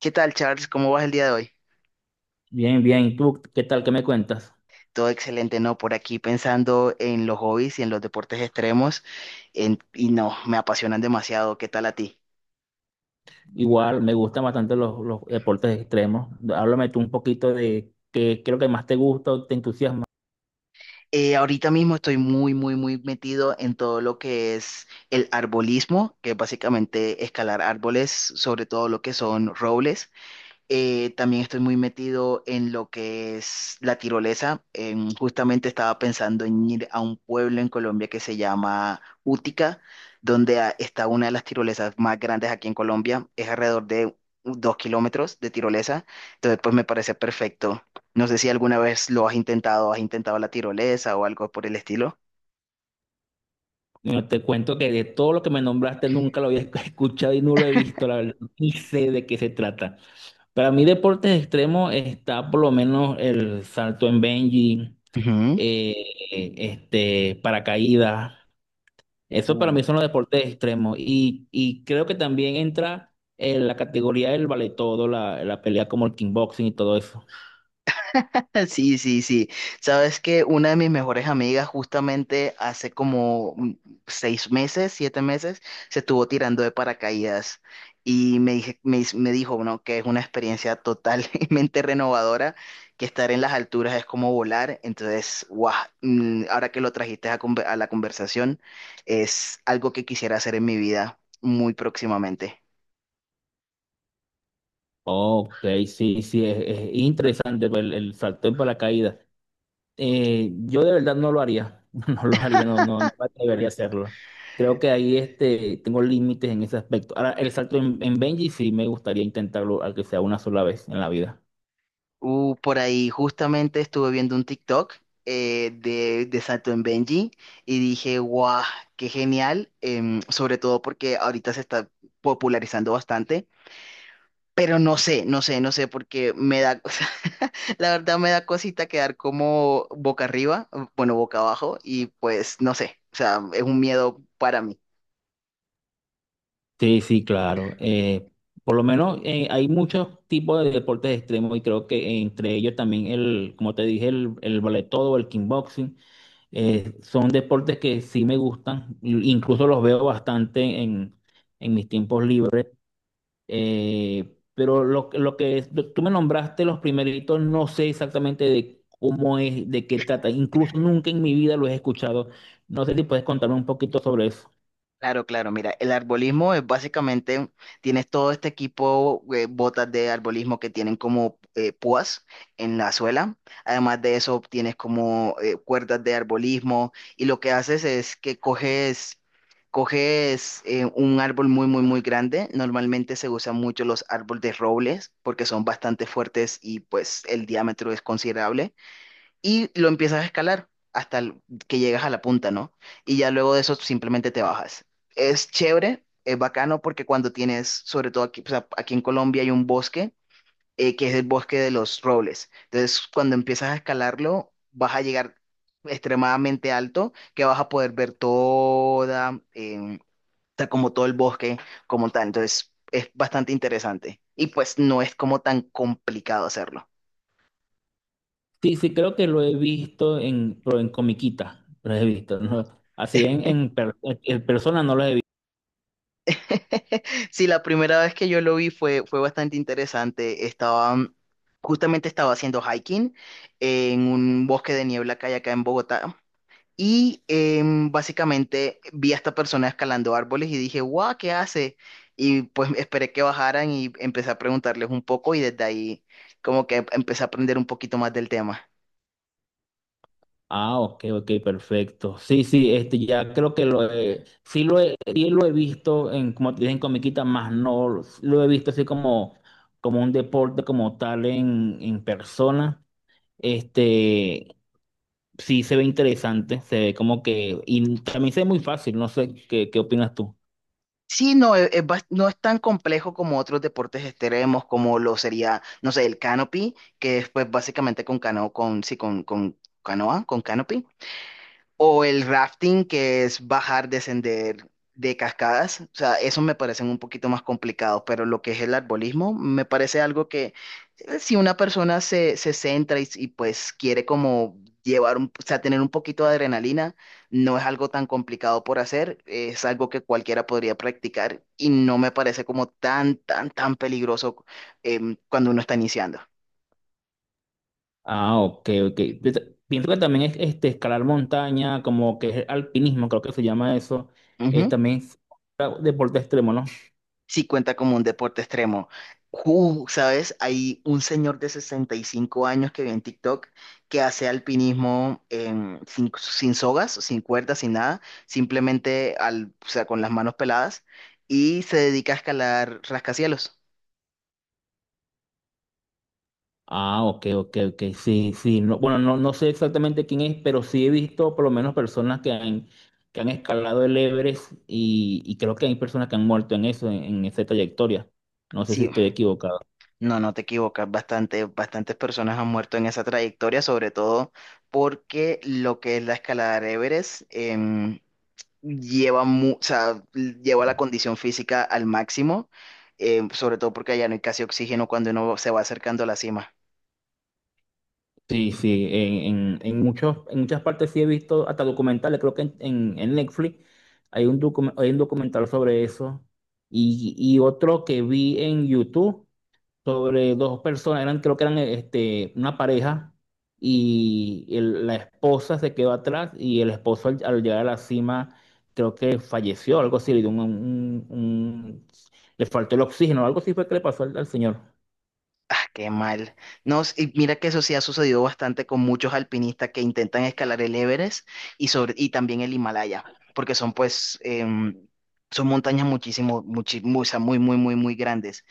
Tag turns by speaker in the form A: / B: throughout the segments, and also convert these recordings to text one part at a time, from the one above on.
A: ¿Qué tal, Charles? ¿Cómo vas el día de hoy?
B: Bien, bien. ¿Y tú qué tal? ¿Qué me cuentas?
A: Todo excelente, ¿no? Por aquí pensando en los hobbies y en los deportes extremos, no, me apasionan demasiado. ¿Qué tal a ti?
B: Igual, me gustan bastante los deportes extremos. Háblame tú un poquito de qué es lo que más te gusta o te entusiasma.
A: Ahorita mismo estoy muy metido en todo lo que es el arbolismo, que es básicamente escalar árboles, sobre todo lo que son robles. También estoy muy metido en lo que es la tirolesa. Justamente estaba pensando en ir a un pueblo en Colombia que se llama Útica, donde está una de las tirolesas más grandes aquí en Colombia. Es alrededor de 2 kilómetros de tirolesa. Entonces, pues me parece perfecto. No sé si alguna vez lo has intentado la tirolesa o algo por el estilo.
B: Bueno, te cuento que de todo lo que me nombraste nunca lo había escuchado y no lo he visto, la verdad. Ni sé de qué se trata. Para mí, deportes extremos está por lo menos el salto en bungee, eh, paracaídas. Eso para
A: Ujú.
B: mí son los deportes extremos. Y creo que también entra en la categoría del vale todo, la pelea como el kickboxing y todo eso.
A: Sí, sí, sí. Sabes que una de mis mejores amigas justamente hace como 6 meses, 7 meses, se estuvo tirando de paracaídas y me, dije- me, dis- me dijo, ¿no?, que es una experiencia totalmente renovadora, que estar en las alturas es como volar. Entonces, guau, ahora que lo trajiste a, a la conversación, es algo que quisiera hacer en mi vida muy próximamente.
B: Ok, sí, sí, es interesante el salto en paracaídas. Yo de verdad no lo haría. No lo haría, no, no, no me atrevería a hacerlo. Creo que ahí tengo límites en ese aspecto. Ahora, el salto en Benji sí me gustaría intentarlo, al que sea una sola vez en la vida.
A: Por ahí justamente estuve viendo un TikTok de Sato en Benji y dije, guau, qué genial, sobre todo porque ahorita se está popularizando bastante, pero no sé, porque me da, o sea, la verdad me da cosita quedar como boca arriba, bueno, boca abajo y pues no sé, o sea, es un miedo para mí.
B: Sí, sí, claro. Por lo menos hay muchos tipos de deportes extremos y creo que entre ellos también el, como te dije, el ballet todo, el kickboxing, son deportes que sí me gustan, incluso los veo bastante en mis tiempos libres. Pero lo que es... tú me nombraste los primeritos, no sé exactamente de cómo es, de qué trata, incluso nunca en mi vida lo he escuchado. No sé si puedes contarme un poquito sobre eso.
A: Claro, claro, mira, el arbolismo es básicamente, tienes todo este equipo, botas de arbolismo que tienen como púas en la suela, además de eso tienes como cuerdas de arbolismo y lo que haces es que coges, un árbol muy grande, normalmente se usan mucho los árboles de robles porque son bastante fuertes y pues el diámetro es considerable y lo empiezas a escalar que llegas a la punta, ¿no? Y ya luego de eso simplemente te bajas. Es chévere, es bacano porque cuando tienes, sobre todo aquí, o sea, aquí en Colombia hay un bosque que es el bosque de los robles. Entonces, cuando empiezas a escalarlo, vas a llegar extremadamente alto que vas a poder ver toda, o sea, como todo el bosque como tal. Entonces, es bastante interesante y pues no es como tan complicado hacerlo.
B: Sí, sí, creo que lo he visto en, pero en comiquita, lo he visto, ¿no? Así en, en persona no lo he visto.
A: Sí, la primera vez que yo lo vi fue, fue bastante interesante. Estaba, justamente estaba haciendo hiking en un bosque de niebla que hay acá en Bogotá. Y básicamente vi a esta persona escalando árboles y dije, guau, ¿qué hace? Y pues esperé que bajaran y empecé a preguntarles un poco y desde ahí como que empecé a aprender un poquito más del tema.
B: Ah, ok, ok, perfecto. Sí, sí, ya creo que lo he, sí lo he, sí lo he visto en, como te dije, en comiquita, más no lo he visto así como, como un deporte como tal en persona. Este, sí se ve interesante, se ve como que, y también se ve muy fácil, no sé, ¿qué, qué opinas tú?
A: Sí, no, es, no es tan complejo como otros deportes extremos, como lo sería, no sé, el canopy, que es pues básicamente con canoa, con canopy. O el rafting, que es bajar, descender de cascadas. O sea, esos me parecen un poquito más complicados, pero lo que es el arbolismo me parece algo que si una persona se, se centra y pues quiere como llevar, o sea, tener un poquito de adrenalina, no es algo tan complicado por hacer, es algo que cualquiera podría practicar y no me parece como tan peligroso cuando uno está iniciando.
B: Ah, ok, ok. Pienso que también es escalar montaña, como que es alpinismo, creo que se llama eso. También es deporte extremo, ¿no?
A: Sí cuenta como un deporte extremo. ¿Sabes? Hay un señor de 65 años que vi en TikTok que hace alpinismo sin sogas, sin cuerdas, sin nada, simplemente al, o sea, con las manos peladas y se dedica a escalar rascacielos.
B: Ah, ok, ok, ok. Sí, sí. No, bueno, no, no sé exactamente quién es, pero sí he visto por lo menos personas que han escalado el Everest y creo que hay personas que han muerto en eso, en esa trayectoria. No sé si
A: Sí,
B: estoy equivocado.
A: no, no te equivocas, bastante, bastantes personas han muerto en esa trayectoria, sobre todo porque lo que es la escalada de Everest, lleva, o sea, lleva la condición física al máximo, sobre todo porque allá no hay casi oxígeno cuando uno se va acercando a la cima.
B: Sí, sí, en muchos, en muchas partes sí he visto hasta documentales, creo que en Netflix hay hay un documental sobre eso y otro que vi en YouTube sobre dos personas, eran, creo que eran una pareja y la esposa se quedó atrás y el esposo al llegar a la cima creo que falleció, algo así, le dio le faltó el oxígeno, algo así fue que le pasó al señor.
A: Ah, qué mal. No, y mira que eso sí ha sucedido bastante con muchos alpinistas que intentan escalar el Everest y, sobre, y también el Himalaya, porque son pues, son montañas muchísimo, o sea, muy grandes.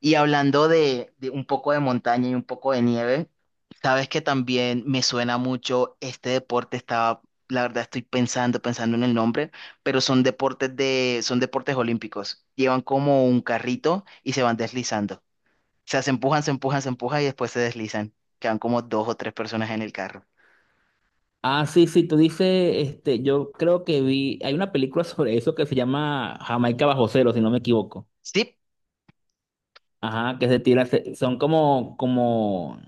A: Y hablando de un poco de montaña y un poco de nieve, sabes que también me suena mucho este deporte, estaba, la verdad estoy pensando, pensando en el nombre, pero son deportes de, son deportes olímpicos. Llevan como un carrito y se van deslizando. O sea, se empujan y después se deslizan. Quedan como dos o tres personas en el carro.
B: Ah, sí, sí, tú dices, yo creo que vi, hay una película sobre eso que se llama Jamaica bajo cero, si no me equivoco.
A: Sí,
B: Ajá, que son como, como,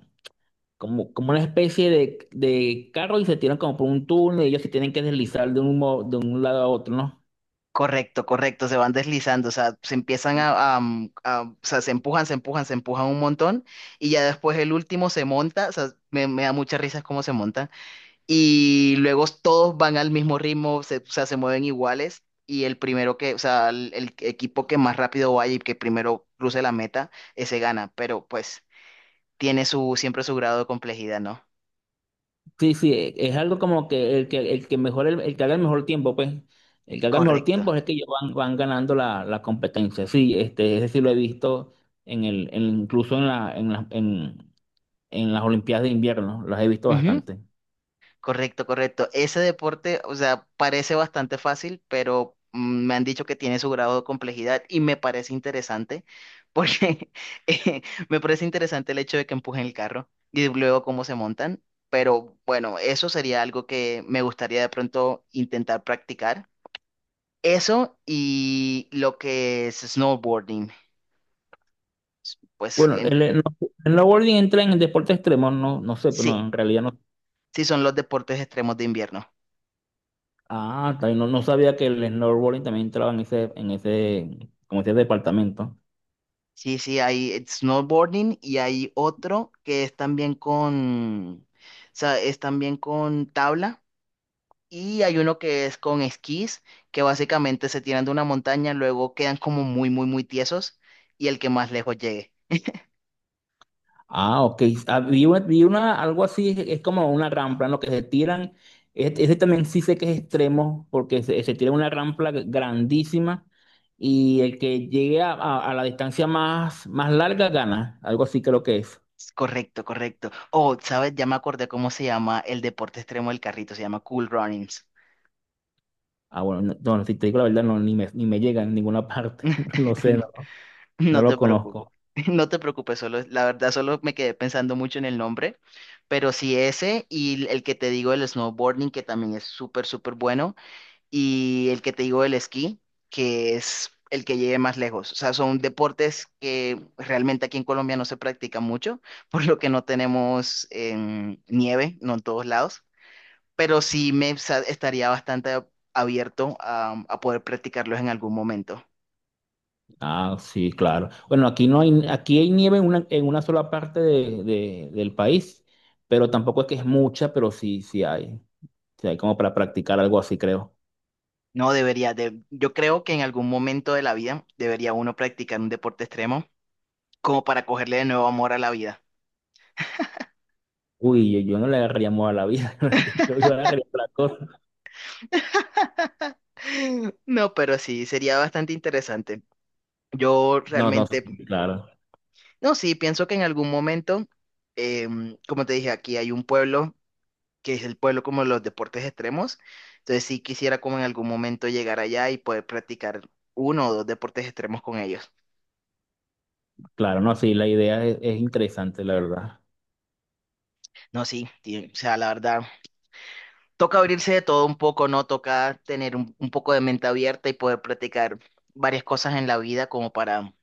B: como, como una especie de carro y se tiran como por un túnel y ellos se tienen que deslizar de de un lado a otro, ¿no?
A: correcto, correcto, se van deslizando, o sea, se empiezan o sea, se empujan un montón y ya después el último se monta, o sea, me da mucha risa cómo se montan y luego todos van al mismo ritmo, se, o sea, se mueven iguales y el primero que, o sea, el equipo que más rápido vaya y que primero cruce la meta, ese gana, pero pues tiene su, siempre su grado de complejidad, ¿no?
B: Sí, sí, es algo como que el que, el que mejor, el que haga el mejor tiempo, pues, el que haga el mejor
A: Correcto.
B: tiempo es el que ellos van, van ganando la competencia. Sí, ese sí lo he visto en incluso en la, en la, en las Olimpiadas de invierno, las he visto bastante.
A: Correcto, correcto. Ese deporte, o sea, parece bastante fácil, pero me han dicho que tiene su grado de complejidad y me parece interesante, porque eh, me parece interesante el hecho de que empujen el carro y luego cómo se montan. Pero bueno, eso sería algo que me gustaría de pronto intentar practicar. Eso y lo que es snowboarding, pues
B: Bueno,
A: en-
B: el snowboarding entra en el deporte extremo, no, no sé, pero
A: sí,
B: en realidad no.
A: sí son los deportes extremos de invierno.
B: Ah, está bien, no, no sabía que el snowboarding también entraba en ese, como ese departamento.
A: Sí, sí, hay snowboarding y hay otro que es también con, o sea, es también con tabla y hay uno que es con esquís, que básicamente se tiran de una montaña, luego quedan como muy tiesos y el que más lejos llegue.
B: Ah, ok. Ah, algo así, es como una rampa en lo que se tiran. Ese también sí sé que es extremo, porque se tira una rampa grandísima y el que llegue a la distancia más, más larga gana. Algo así creo que es.
A: Es correcto, correcto. Oh, ¿sabes? Ya me acordé cómo se llama el deporte extremo del carrito, se llama Cool Runnings.
B: Ah, bueno, no, no, si te digo la verdad, no, ni me llega en ninguna parte. No lo sé, no, no
A: No
B: lo
A: te preocupes,
B: conozco.
A: no te preocupes, solo, la verdad solo me quedé pensando mucho en el nombre, pero sí ese y el que te digo del snowboarding, que también es súper bueno, y el que te digo del esquí, que es el que llegue más lejos. O sea, son deportes que realmente aquí en Colombia no se practican mucho, por lo que no tenemos nieve, no en todos lados, pero estaría bastante abierto a poder practicarlos en algún momento.
B: Ah, sí, claro. Bueno, aquí no hay, aquí hay nieve en una sola parte de, del país, pero tampoco es que es mucha, pero sí, sí hay. Sí hay como para practicar algo así, creo.
A: No debería, de, yo creo que en algún momento de la vida debería uno practicar un deporte extremo como para cogerle de nuevo amor a la vida.
B: Uy, yo no le agarraría amor a la vida, yo creo que yo le agarraría otra cosa.
A: No, pero sí, sería bastante interesante. Yo
B: No, no,
A: realmente,
B: sí, claro,
A: no, sí, pienso que en algún momento, como te dije, aquí hay un pueblo que es el pueblo como de los deportes extremos. Entonces sí quisiera como en algún momento llegar allá y poder practicar uno o dos deportes extremos con ellos.
B: claro, no, sí, la idea es interesante, la verdad.
A: No, sí, o sea, la verdad, toca abrirse de todo un poco, ¿no? Toca tener un poco de mente abierta y poder practicar varias cosas en la vida como para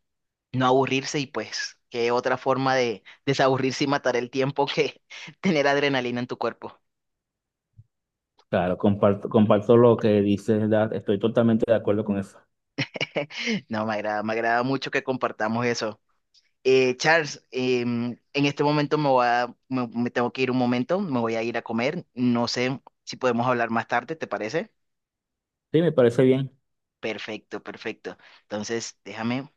A: no aburrirse y pues qué otra forma de desaburrirse y matar el tiempo que tener adrenalina en tu cuerpo.
B: Claro, comparto, comparto lo que dices, estoy totalmente de acuerdo con eso.
A: No, me agrada mucho que compartamos eso. Charles, en este momento me voy a- me me tengo que ir un momento, me voy a ir a comer. No sé si podemos hablar más tarde, ¿te parece?
B: Sí, me parece bien.
A: Perfecto, perfecto. Entonces, déjame.